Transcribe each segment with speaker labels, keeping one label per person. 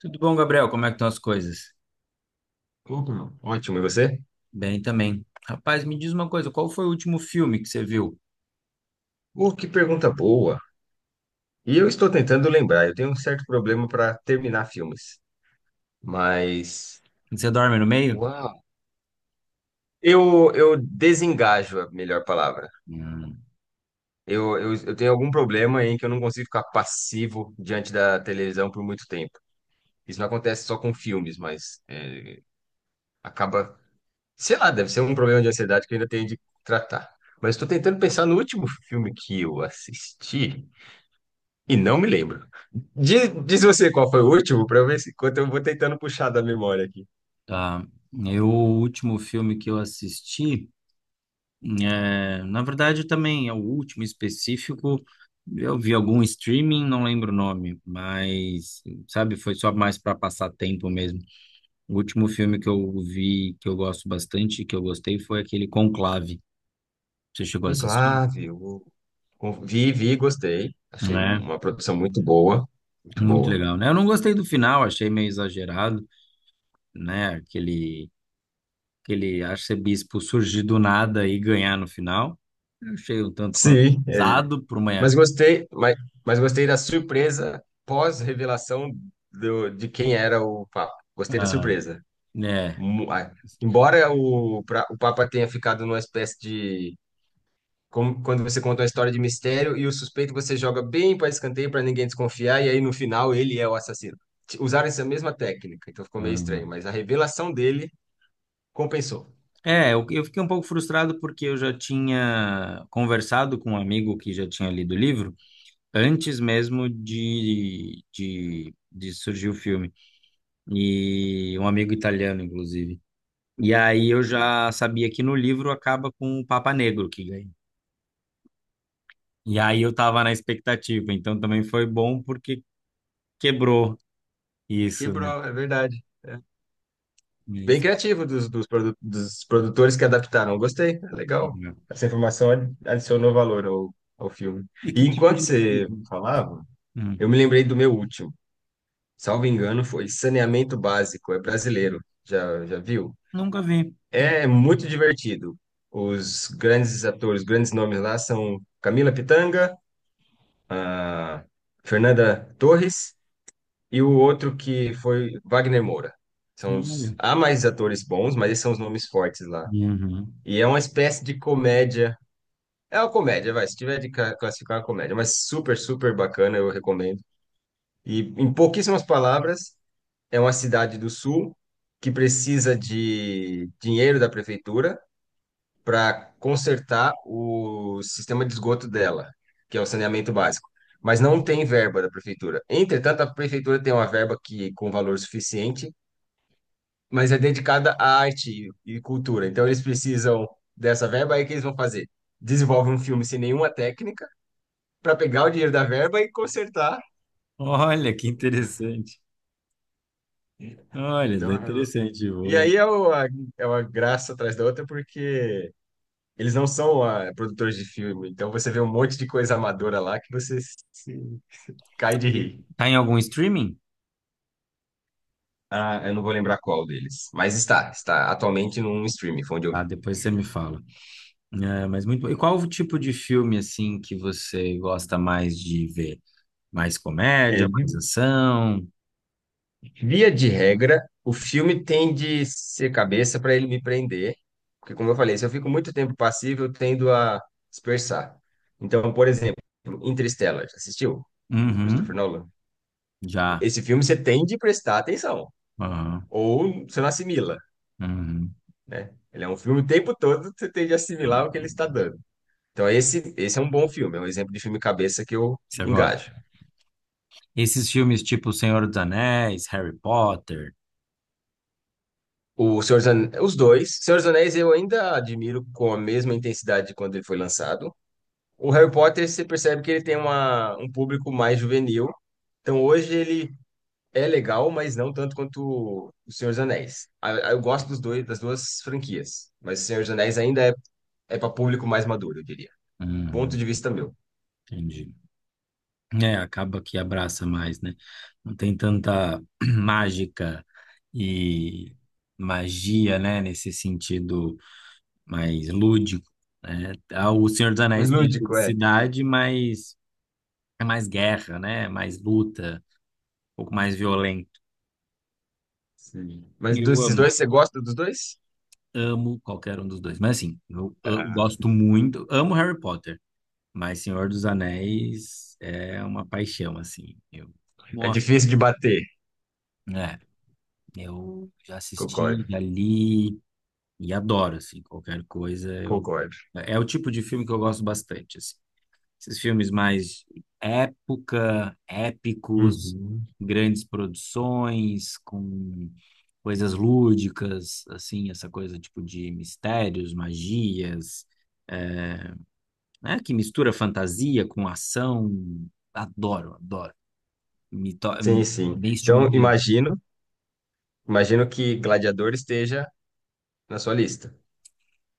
Speaker 1: Tudo bom, Gabriel? Como é que estão as coisas?
Speaker 2: Uhum, Ótimo, e você?
Speaker 1: Bem também. Rapaz, me diz uma coisa, qual foi o último filme que você viu?
Speaker 2: Que pergunta boa! E eu estou tentando lembrar, eu tenho um certo problema para terminar filmes, mas.
Speaker 1: Você dorme no meio?
Speaker 2: Uau! Eu desengajo a melhor palavra.
Speaker 1: Hum,
Speaker 2: Eu tenho algum problema em que eu não consigo ficar passivo diante da televisão por muito tempo. Isso não acontece só com filmes, mas é, acaba. Sei lá, deve ser um problema de ansiedade que eu ainda tenho de tratar. Mas estou tentando pensar no último filme que eu assisti. E não me lembro. Diz você qual foi o último, para eu ver se enquanto eu vou tentando puxar da memória aqui.
Speaker 1: tá. O último filme que eu assisti, na verdade também é o último específico, eu vi algum streaming, não lembro o nome, mas, sabe, foi só mais para passar tempo mesmo. O último filme que eu vi, que eu gosto bastante, que eu gostei, foi aquele Conclave. Você chegou a assistir?
Speaker 2: Conclave, eu vi, vi, gostei. Achei
Speaker 1: É.
Speaker 2: uma produção muito boa, muito
Speaker 1: Muito
Speaker 2: boa.
Speaker 1: legal, né? Eu não gostei do final, achei meio exagerado, né? Aquele arcebispo surgir do nada e ganhar no final. Eu achei um tanto quanto
Speaker 2: Sim, é.
Speaker 1: usado por uma.
Speaker 2: Mas gostei, mas, mas gostei da surpresa pós-revelação de quem era o Papa. Gostei da
Speaker 1: Ah,
Speaker 2: surpresa.
Speaker 1: né?
Speaker 2: Mu- a- Embora o Papa tenha ficado numa espécie de como quando você conta uma história de mistério e o suspeito você joga bem para escanteio para ninguém desconfiar e aí no final ele é o assassino. Usaram essa mesma técnica, então ficou meio
Speaker 1: Ah.
Speaker 2: estranho, mas a revelação dele compensou.
Speaker 1: É, eu fiquei um pouco frustrado porque eu já tinha conversado com um amigo que já tinha lido o livro antes mesmo de surgir o filme. E um amigo italiano, inclusive. E aí eu
Speaker 2: Hum.
Speaker 1: já sabia que no livro acaba com o Papa Negro que ganha. E aí eu tava na expectativa, então também foi bom porque quebrou isso, né?
Speaker 2: Quebrou, é verdade. É.
Speaker 1: É
Speaker 2: Bem
Speaker 1: isso.
Speaker 2: criativo dos produtores que adaptaram. Gostei, é legal. Essa informação adicionou valor ao filme.
Speaker 1: E que
Speaker 2: E
Speaker 1: tipo
Speaker 2: enquanto
Speaker 1: de
Speaker 2: você
Speaker 1: filme?
Speaker 2: falava,
Speaker 1: Hum.
Speaker 2: eu me lembrei do meu último. Salvo engano, foi Saneamento Básico, é brasileiro. Já viu?
Speaker 1: Nunca vi. Hum.
Speaker 2: É muito divertido. Os grandes atores, grandes nomes lá são Camila Pitanga, a Fernanda Torres e o outro que foi Wagner Moura. São os...
Speaker 1: Olha.
Speaker 2: Há mais atores bons, mas esses são os nomes fortes lá.
Speaker 1: Uhum.
Speaker 2: E é uma espécie de comédia. É uma comédia, vai. Se tiver de classificar uma comédia, mas super, super bacana, eu recomendo. E em pouquíssimas palavras, é uma cidade do sul que precisa de dinheiro da prefeitura para consertar o sistema de esgoto dela, que é o saneamento básico. Mas não tem verba da prefeitura. Entretanto, a prefeitura tem uma verba que com valor suficiente, mas é dedicada à arte e cultura. Então, eles precisam dessa verba. Aí, o que eles vão fazer? Desenvolve um filme sem nenhuma técnica para pegar o dinheiro da verba e consertar.
Speaker 1: Olha, que interessante. Olha, é
Speaker 2: Então, é-
Speaker 1: interessante.
Speaker 2: e
Speaker 1: Vou...
Speaker 2: aí é uma graça atrás da outra, porque eles não são produtores de filme. Então, você vê um monte de coisa amadora lá que você se Cai de
Speaker 1: E
Speaker 2: rir.
Speaker 1: tá em algum streaming?
Speaker 2: Ah, eu não vou lembrar qual deles. Mas está, está atualmente num streaming, foi onde eu
Speaker 1: Ah,
Speaker 2: vi.
Speaker 1: depois você me fala. É, mas muito bom. E qual o tipo de filme assim que você gosta mais de ver? Mais comédia,
Speaker 2: É, vi-
Speaker 1: mais ação?
Speaker 2: Via de regra, o filme tem de ser cabeça para ele me prender. Porque, como eu falei, se eu fico muito tempo passivo, eu tendo a dispersar. Então, por exemplo, Interstellar, já assistiu? Do Christopher
Speaker 1: Uhum.
Speaker 2: Nolan.
Speaker 1: Já.
Speaker 2: Esse filme você tem de prestar atenção.
Speaker 1: Aham.
Speaker 2: Ou você não assimila,
Speaker 1: Uhum.
Speaker 2: né? Ele é um filme o tempo todo, você tem de assimilar o que ele está dando. Então, esse é um bom filme, é um exemplo de filme cabeça que eu
Speaker 1: Você gosta?
Speaker 2: engajo.
Speaker 1: Esses filmes tipo Senhor dos Anéis, Harry Potter,
Speaker 2: O os dois. Senhor dos Anéis eu ainda admiro com a mesma intensidade de quando ele foi lançado. O Harry Potter, você percebe que ele tem um público mais juvenil. Então hoje ele é legal, mas não tanto quanto o Senhor dos Anéis. Eu gosto dos dois, das duas franquias, mas o Senhor dos Anéis ainda é, é para público mais maduro, eu diria. Ponto
Speaker 1: hum,
Speaker 2: de vista meu.
Speaker 1: entendi. É, acaba que abraça mais, né? Não tem tanta mágica e magia, né? Nesse sentido mais lúdico, né? Ah, o Senhor dos
Speaker 2: Mas
Speaker 1: Anéis tem a
Speaker 2: lúdico, é.
Speaker 1: ludicidade, mas é mais guerra, né? Mais luta, um pouco mais violento.
Speaker 2: Sim. Mas
Speaker 1: Eu
Speaker 2: desses
Speaker 1: amo,
Speaker 2: dois, você gosta dos dois?
Speaker 1: amo qualquer um dos dois. Mas assim, eu
Speaker 2: Ah,
Speaker 1: gosto muito, amo Harry Potter. Mas Senhor dos Anéis é uma paixão, assim. Eu,
Speaker 2: é
Speaker 1: nossa,
Speaker 2: difícil de bater.
Speaker 1: é, eu já assisti,
Speaker 2: Concordo,
Speaker 1: já li e adoro, assim, qualquer coisa. Eu,
Speaker 2: concordo.
Speaker 1: é o tipo de filme que eu gosto bastante, assim. Esses filmes mais épicos,
Speaker 2: Uhum.
Speaker 1: grandes produções, com coisas lúdicas, assim, essa coisa tipo de mistérios, magias, eh, né? Que mistura fantasia com ação. Adoro, adoro.
Speaker 2: Sim,
Speaker 1: É
Speaker 2: sim.
Speaker 1: bem
Speaker 2: Então,
Speaker 1: estimulante.
Speaker 2: imagino, imagino que Gladiador esteja na sua lista.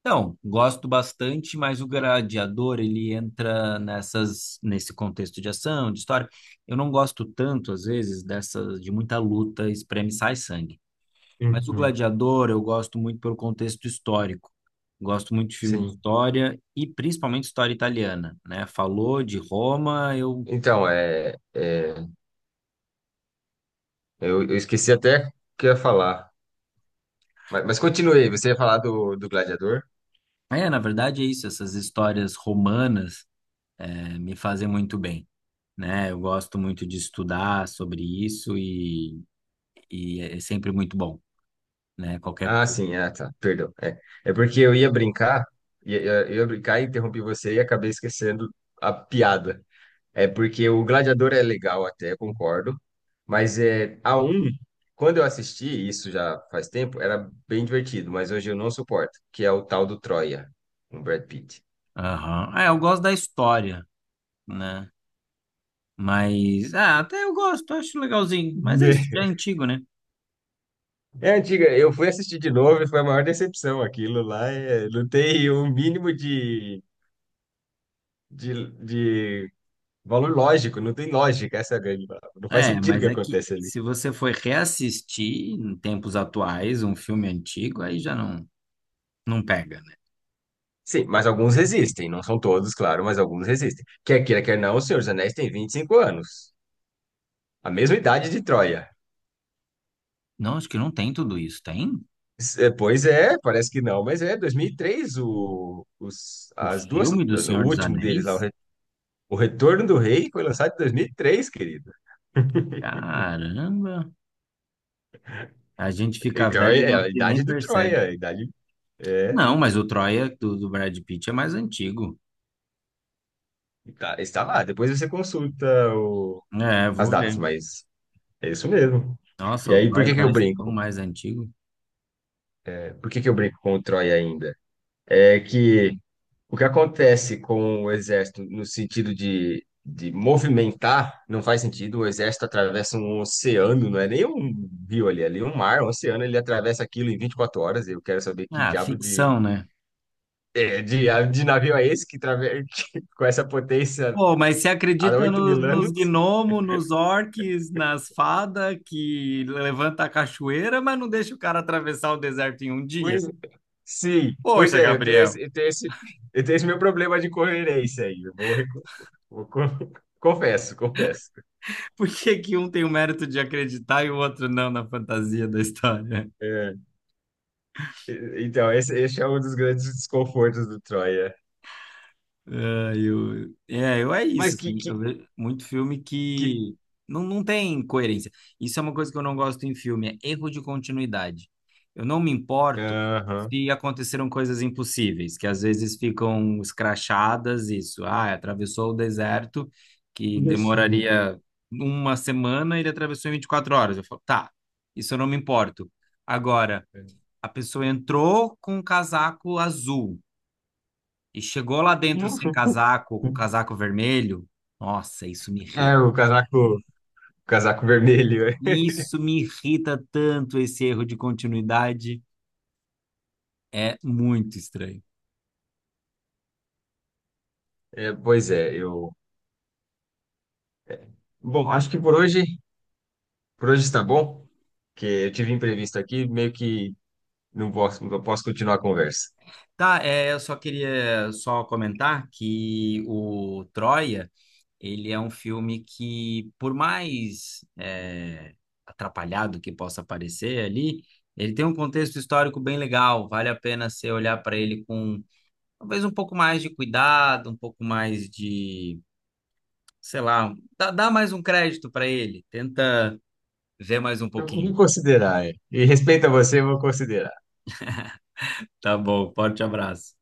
Speaker 1: Então, gosto bastante, mas o Gladiador, ele entra nesse contexto de ação, de história. Eu não gosto tanto, às vezes, de muita luta, espreme, e sai sangue. Mas o
Speaker 2: Uhum.
Speaker 1: Gladiador eu gosto muito pelo contexto histórico. Gosto muito de filme de
Speaker 2: Sim.
Speaker 1: história e principalmente história italiana, né? Falou de Roma, eu...
Speaker 2: Então, eu esqueci até o que eu ia falar. Mas continuei, você ia falar do Gladiador?
Speaker 1: É, na verdade é isso, essas histórias romanas me fazem muito bem, né? Eu gosto muito de estudar sobre isso e é sempre muito bom, né? Qualquer.
Speaker 2: Ah, sim, ah, tá, perdão. É, é porque eu ia brincar, eu ia brincar e interrompi você e acabei esquecendo a piada. É porque o Gladiador é legal até, concordo. Mas é a um, quando eu assisti, isso já faz tempo, era bem divertido, mas hoje eu não suporto, que é o tal do Troia, com o Brad Pitt.
Speaker 1: Aham. Ah, eu gosto da história, né? Mas, ah, até eu gosto, acho legalzinho. Mas é isso, já é antigo, né?
Speaker 2: É antiga, eu fui assistir de novo e foi a maior decepção. Aquilo lá é, não tem um mínimo de valor lógico, não tem lógica, essa é a grande palavra. Não faz
Speaker 1: É,
Speaker 2: sentido o
Speaker 1: mas
Speaker 2: que
Speaker 1: é que
Speaker 2: acontece ali.
Speaker 1: se você for reassistir em tempos atuais um filme antigo, aí já não, não pega, né?
Speaker 2: Sim, mas alguns resistem, não são todos, claro, mas alguns resistem. Quer queira, quer não, o Senhor dos Anéis tem 25 anos. A mesma idade de Troia.
Speaker 1: Não, acho que não tem tudo isso, tem?
Speaker 2: Pois é, parece que não, mas é 2003 o, os,
Speaker 1: O
Speaker 2: as duas,
Speaker 1: filme do
Speaker 2: o
Speaker 1: Senhor dos
Speaker 2: último deles lá,
Speaker 1: Anéis?
Speaker 2: O Retorno do Rei foi lançado em 2003, querido.
Speaker 1: Caramba! A gente fica
Speaker 2: Então
Speaker 1: velho e
Speaker 2: é a
Speaker 1: não se nem
Speaker 2: idade do
Speaker 1: percebe.
Speaker 2: Troia, a idade é,
Speaker 1: Não, mas o Troia do Brad Pitt é mais antigo.
Speaker 2: está lá. Depois você consulta o-
Speaker 1: É,
Speaker 2: as
Speaker 1: vou
Speaker 2: datas,
Speaker 1: ver.
Speaker 2: mas é isso mesmo.
Speaker 1: Nossa,
Speaker 2: E
Speaker 1: o
Speaker 2: aí, por
Speaker 1: Troia
Speaker 2: que que eu
Speaker 1: parece tão
Speaker 2: brinco?
Speaker 1: mais antigo.
Speaker 2: Por que que eu brinco com o Troia ainda? É que o que acontece com o exército no sentido de movimentar não faz sentido. O exército atravessa um oceano, não é nem um rio ali é um mar, um oceano, ele atravessa aquilo em 24 horas. Eu quero saber que
Speaker 1: Ah,
Speaker 2: diabo de,
Speaker 1: ficção, né?
Speaker 2: de navio é esse que, que com essa potência
Speaker 1: Pô, mas você
Speaker 2: há
Speaker 1: acredita
Speaker 2: 8 mil
Speaker 1: nos
Speaker 2: anos.
Speaker 1: gnomos, nos orques, nas fadas que levanta a cachoeira, mas não deixa o cara atravessar o deserto em um dia?
Speaker 2: Pois, sim, pois
Speaker 1: Poxa,
Speaker 2: é,
Speaker 1: Gabriel,
Speaker 2: eu tenho esse meu problema de coerência aí. Eu vou, recu- vou, con- confesso, confesso.
Speaker 1: por que que um tem o mérito de acreditar e o outro não na fantasia da história?
Speaker 2: É. Então, esse é um dos grandes desconfortos do Troia.
Speaker 1: É, eu, é, eu é isso,
Speaker 2: Mas que,
Speaker 1: assim.
Speaker 2: que,
Speaker 1: Eu vejo muito filme
Speaker 2: que...
Speaker 1: que não tem coerência. Isso é uma coisa que eu não gosto em filme, é erro de continuidade. Eu não me importo
Speaker 2: Aham.
Speaker 1: se aconteceram coisas impossíveis, que às vezes ficam escrachadas, isso. Ah, atravessou o deserto, que demoraria uma semana, ele atravessou em 24 horas. Eu falo, tá, isso eu não me importo. Agora, a pessoa entrou com um casaco azul. E chegou lá dentro sem casaco, com o casaco vermelho. Nossa, isso me irrita.
Speaker 2: É, o casaco vermelho.
Speaker 1: Isso me irrita tanto, esse erro de continuidade. É muito estranho.
Speaker 2: É, pois é, eu... Bom, acho que por hoje está bom, porque eu tive imprevisto aqui, meio que não posso, não posso continuar a conversa.
Speaker 1: Tá, é, eu só queria só comentar que o Troia, ele é um filme que, por mais atrapalhado que possa parecer ali, ele tem um contexto histórico bem legal. Vale a pena você olhar para ele com talvez um pouco mais de cuidado, um pouco mais de sei lá, dá mais um crédito para ele, tenta ver mais um
Speaker 2: Eu vou
Speaker 1: pouquinho.
Speaker 2: considerar, é. E respeito a você, eu vou considerar.
Speaker 1: Tá bom, forte abraço.